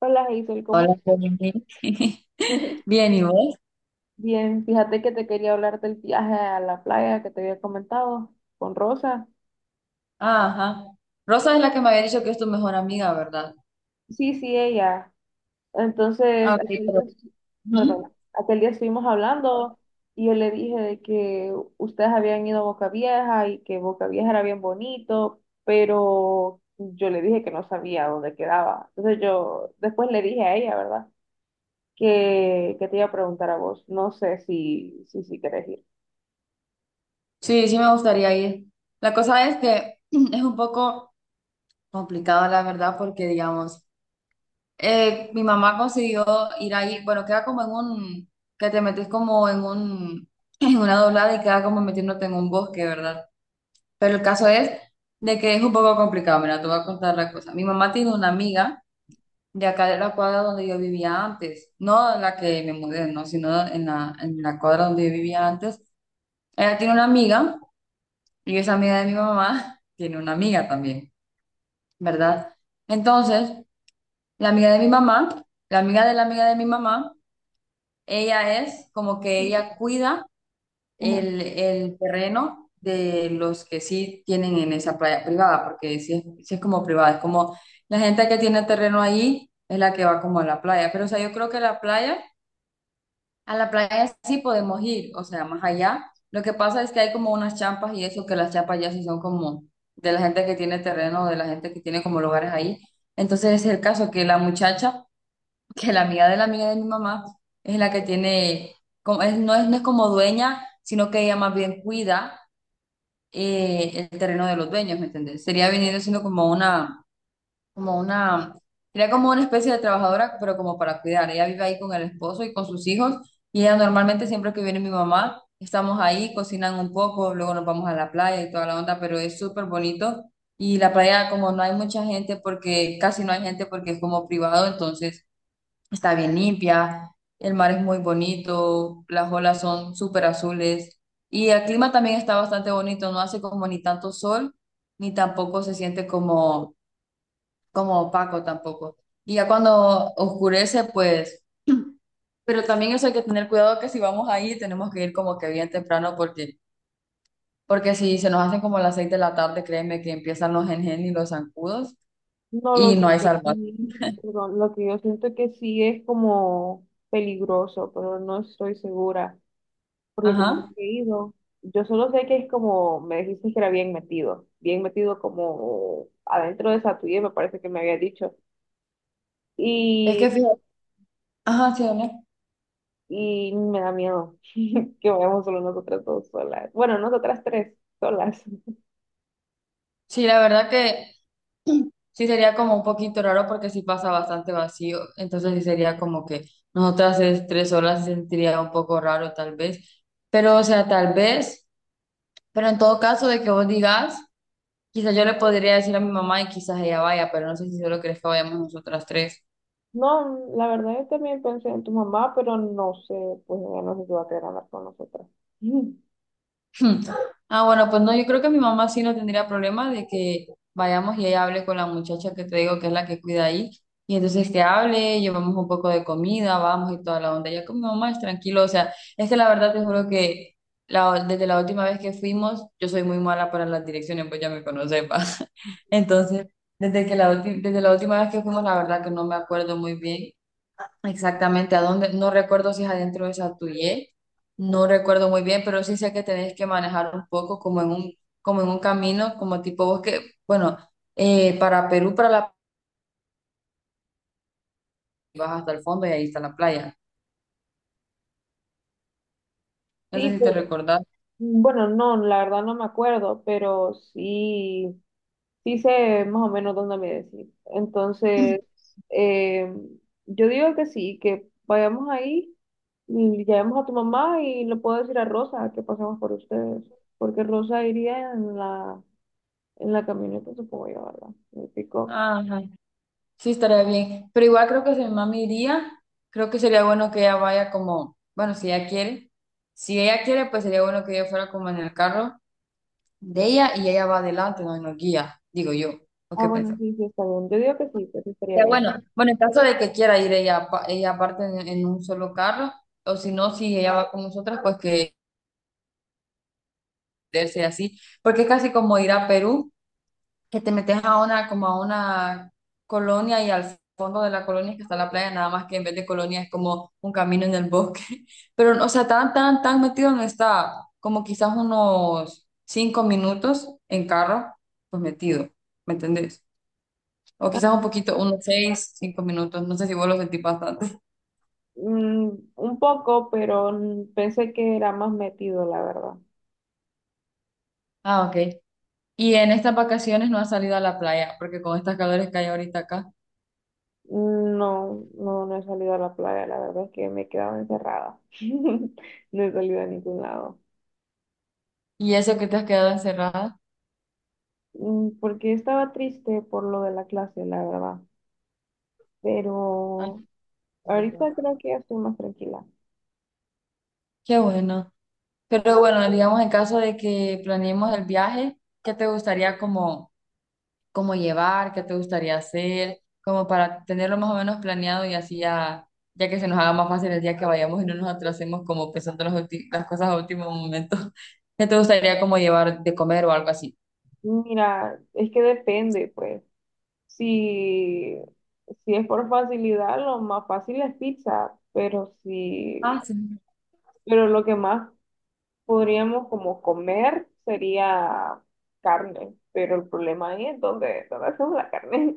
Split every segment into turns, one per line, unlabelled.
Hola, Hazel, ¿cómo
Hola, Jenny.
estás?
Bien, ¿y vos?
Bien, fíjate que te quería hablar del viaje a la playa que te había comentado con Rosa.
Ajá. Rosa es la que me había dicho que es tu mejor amiga, ¿verdad?
Sí, sí, ella.
Ah,
Entonces,
ok,
aquel día,
pero...
perdón,
Ujú.
aquel día estuvimos hablando y yo le dije de que ustedes habían ido a Boca Vieja y que Boca Vieja era bien bonito, pero yo le dije que no sabía dónde quedaba. Entonces yo después le dije a ella, ¿verdad? Que te iba a preguntar a vos. No sé si querés ir.
Sí, sí me gustaría ir. La cosa es que es un poco complicado, la verdad, porque, digamos, mi mamá consiguió ir ahí, bueno, queda como en un, que te metes como en un, en una doblada y queda como metiéndote en un bosque, ¿verdad? Pero el caso es de que es un poco complicado, mira, te voy a contar la cosa. Mi mamá tiene una amiga. De acá de la cuadra donde yo vivía antes, no en la que me mudé, no, sino en la cuadra donde yo vivía antes. Ella tiene una amiga y esa amiga de mi mamá tiene una amiga también, ¿verdad? Entonces, la amiga de mi mamá, la amiga de mi mamá, ella es como que ella cuida
Ajá.
el terreno de los que sí tienen en esa playa privada, porque sí es como privada, es como la gente que tiene terreno ahí es la que va como a la playa, pero o sea, yo creo que la playa. A la playa sí podemos ir, o sea, más allá. Lo que pasa es que hay como unas champas y eso, que las champas ya sí son como de la gente que tiene terreno, de la gente que tiene como lugares ahí. Entonces es el caso que la muchacha, que la amiga de mi mamá, es la que tiene, como, no es como dueña, sino que ella más bien cuida el terreno de los dueños, ¿me entiendes? Sería viniendo siendo como una como una, era como una especie de trabajadora, pero como para cuidar. Ella vive ahí con el esposo y con sus hijos, y ella normalmente siempre que viene mi mamá, estamos ahí, cocinan un poco, luego nos vamos a la playa y toda la onda, pero es súper bonito. Y la playa, como no hay mucha gente, porque casi no hay gente, porque es como privado, entonces está bien limpia, el mar es muy bonito, las olas son súper azules. Y el clima también está bastante bonito, no hace como ni tanto sol, ni tampoco se siente como opaco tampoco. Y ya cuando oscurece, pues, pero también eso hay que tener cuidado que si vamos ahí tenemos que ir como que bien temprano porque si se nos hacen como las 6 de la tarde, créeme que empiezan los gen y los zancudos
No, lo
y
que,
no hay
pues,
salvación.
también, perdón, lo que yo siento que sí es como peligroso, pero no estoy segura, porque como no
Ajá.
he ido, yo solo sé que es como, me dijiste que era bien metido como adentro de esa tuya, me parece que me había dicho,
Es
y,
que fíjate, ajá, sí, ¿no?
y me da miedo que vayamos solo nosotras dos solas, bueno, nosotras tres solas.
Sí, la verdad que sí sería como un poquito raro porque sí pasa bastante vacío, entonces sí sería como que nosotras es 3 horas se sentiría un poco raro tal vez, pero o sea, tal vez, pero en todo caso de que vos digas. Quizás yo le podría decir a mi mamá y quizás ella vaya, pero no sé si solo crees que vayamos nosotras tres.
No, la verdad yo también pensé en tu mamá, pero no sé, pues ella no sé si va a querer hablar con nosotras.
Hmm. Ah, bueno, pues no, yo creo que mi mamá sí no tendría problema de que vayamos y ella hable con la muchacha que te digo que es la que cuida ahí. Y entonces que hable, llevamos un poco de comida, vamos y toda la onda. Ya con mi mamá es tranquilo, o sea, es que la verdad te juro que desde la última vez que fuimos, yo soy muy mala para las direcciones, pues ya me conoces, pa. Entonces, desde la última vez que fuimos, la verdad que no me acuerdo muy bien. Exactamente, a dónde, no recuerdo si es adentro de Satuye, no recuerdo muy bien, pero sí sé que tenés que manejar un poco como en un camino, como tipo bosque, bueno, para Perú, para la vas hasta el fondo y ahí está la playa. No sé
Sí,
si te
pero
recordás.
bueno, no, la verdad no me acuerdo, pero sí, sí sé más o menos dónde me decir.
Ujú.
Entonces, eh, yo digo que sí, que vayamos ahí y llamemos a tu mamá y le puedo decir a Rosa que pasemos por ustedes, porque Rosa iría en la camioneta, supongo yo, ¿verdad? Me picó.
Ajá, sí estaría bien, pero igual creo que si mi mami iría, creo que sería bueno que ella vaya como, bueno, si ella quiere, pues sería bueno que ella fuera como en el carro de ella y ella va adelante, no nos guía, digo yo. ¿O
Ah,
qué
bueno,
pensás?
sí, sí, está bien. Yo digo que sí estaría
Ya
bien.
bueno, bueno, en caso de que quiera ir ella, ella aparte en, un solo carro, o si no, si ella va con nosotras, pues que sea así, porque es casi como ir a Perú, que te metes a una, como a una colonia y al fondo de la colonia es que está la playa, nada más que en vez de colonia es como un camino en el bosque, pero o sea, tan, tan, tan metido no está, como quizás unos 5 minutos en carro, pues metido, ¿me entendés? O
Ah,
quizás un poquito, unos seis, 5 minutos, no sé si vos lo sentís bastante.
mm, un poco, pero pensé que era más metido, la verdad.
Ah, ok. Y en estas vacaciones no has salido a la playa, porque con estas calores que hay ahorita acá.
No, no, no he salido a la playa, la verdad es que me he quedado encerrada. No he salido a ningún lado.
Y eso que te has quedado encerrada.
Porque estaba triste por lo de la clase, la verdad.
Ah,
Pero
qué lindo.
ahorita creo que ya estoy más tranquila.
Qué bueno. Pero bueno, digamos en caso de que planeemos el viaje, ¿qué te gustaría como llevar? ¿Qué te gustaría hacer? Como para tenerlo más o menos planeado y así ya, ya que se nos haga más fácil el día que vayamos y no nos atrasemos como pensando las cosas a último momento. ¿Qué te gustaría como llevar de comer o algo así?
Mira, es que depende, pues. Si, si es por facilidad, lo más fácil es pizza, pero si,
Ah, sí.
pero lo que más podríamos como comer, sería carne, pero el problema ahí es donde hacemos la carne.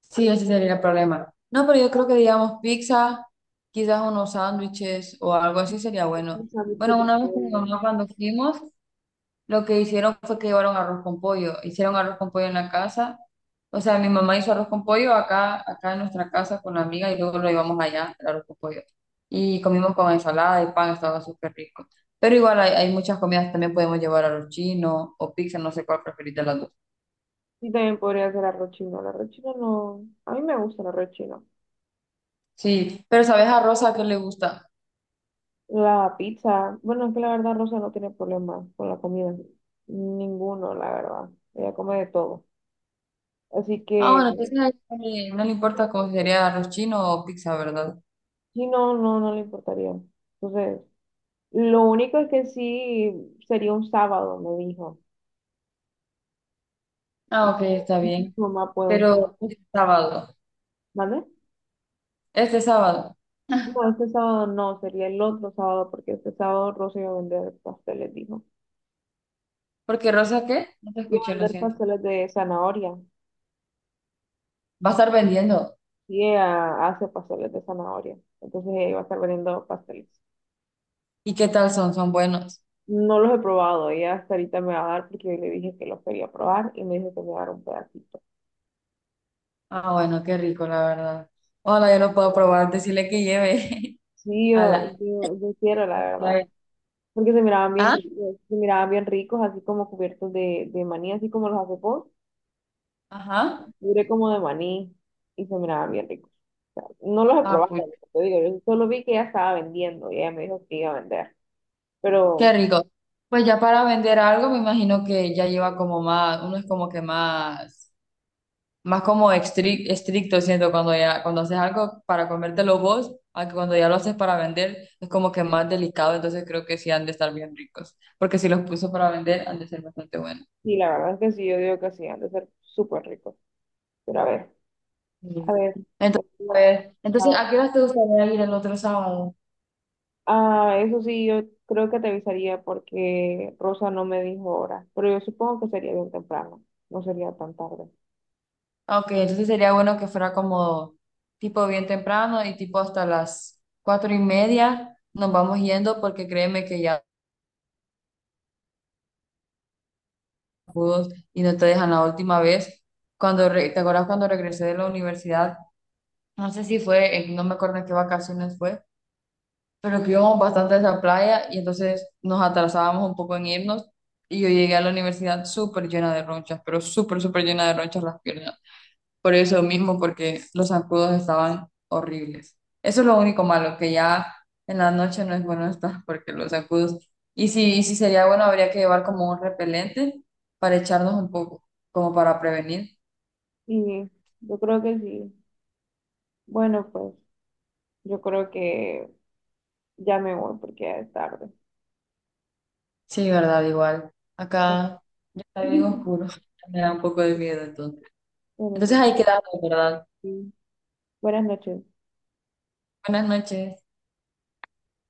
Sí, ese sería el problema. No, pero yo creo que digamos pizza, quizás unos sándwiches o algo así sería bueno.
Los sándwiches
Bueno,
de
una vez con mi
pollo.
mamá cuando fuimos, lo que hicieron fue que llevaron arroz con pollo. Hicieron arroz con pollo en la casa. O sea, mi mamá hizo arroz con pollo acá en nuestra casa con la amiga y luego lo llevamos allá, el arroz con pollo. Y comimos con ensalada y pan, estaba súper rico. Pero igual hay muchas comidas, también podemos llevar arroz chino o pizza, no sé cuál preferís de las dos.
Y también podría ser arroz chino. El arroz chino no. A mí me gusta el arroz chino.
Sí, pero ¿sabes a Rosa qué le gusta?
La pizza. Bueno, es que la verdad Rosa no tiene problema con la comida. Ninguno, la verdad. Ella come de todo. Así
Ah,
que
bueno, entonces a él no le importa cómo sería arroz chino o pizza, ¿verdad?
sí, no, no, no le importaría. Entonces, lo único es que sí sería un sábado, me dijo.
Ah, ok, está
Ujú.
bien.
Mamá puede un
Pero este sábado,
sábado.
este sábado.
No, este sábado no, sería el otro sábado, porque este sábado Rosa iba a vender pasteles, dijo.
Porque Rosa, ¿qué? No te
Iba a
escuché, lo
vender
siento.
pasteles de zanahoria.
Va a estar vendiendo.
Y ella hace pasteles de zanahoria. Entonces ella iba a estar vendiendo pasteles.
¿Y qué tal son? Son buenos.
No los he probado, ella hasta ahorita me va a dar porque yo le dije que los quería probar y me dijo que me iba a dar un pedacito.
Ah, bueno, qué rico, la verdad. Hola, yo lo puedo probar. Decirle que lleve.
Sí, yo,
Ala.
yo, yo quiero, la verdad. Porque se miraban bien
¿Ah?
ricos, se miraban bien ricos, así como cubiertos de maní, así como los hace vos.
Ajá.
Duré como de maní y se miraban bien ricos. O sea, no los he
Ah,
probado,
pues,
te digo, yo solo vi que ella estaba vendiendo y ella me dijo que iba a vender.
qué
Pero
rico. Pues ya para vender algo, me imagino que ya lleva como más, uno es como que más, más como estricto siento cuando ya, cuando haces algo para comértelo vos, a que cuando ya lo haces para vender, es como que más delicado, entonces creo que sí han de estar bien ricos, porque si los puso para vender, han de ser bastante buenos.
sí, la verdad es que sí, yo digo que sí, han de ser súper ricos. Pero a ver,
Mm.
a ver. Pues,
Entonces, a ver, entonces,
Ah,
¿a qué horas te gustaría ir el otro sábado?
eso sí, yo creo que te avisaría porque Rosa no me dijo hora, pero yo supongo que sería bien temprano, no sería tan tarde.
Ah, ok, entonces sería bueno que fuera como tipo bien temprano y tipo hasta las 4:30 nos vamos yendo porque créeme que ya pudos y no te dejan la última vez. ¿Te acuerdas cuando regresé de la universidad? No sé si fue, no me acuerdo en qué vacaciones fue, pero que íbamos bastante a esa playa y entonces nos atrasábamos un poco en irnos y yo llegué a la universidad súper llena de ronchas, pero súper, súper llena de ronchas las piernas. Por eso mismo, porque los zancudos estaban horribles. Eso es lo único malo, que ya en la noche no es bueno estar porque los zancudos... Y si sería bueno, habría que llevar como un repelente para echarnos un poco, como para prevenir.
Y yo creo que sí. Bueno, pues yo creo que ya me voy porque ya es tarde.
Sí, verdad, igual. Acá ya está bien oscuro. Me da un poco de miedo entonces.
Pero bueno,
Entonces ahí quedamos, ¿verdad?
sí. Buenas noches.
Buenas noches.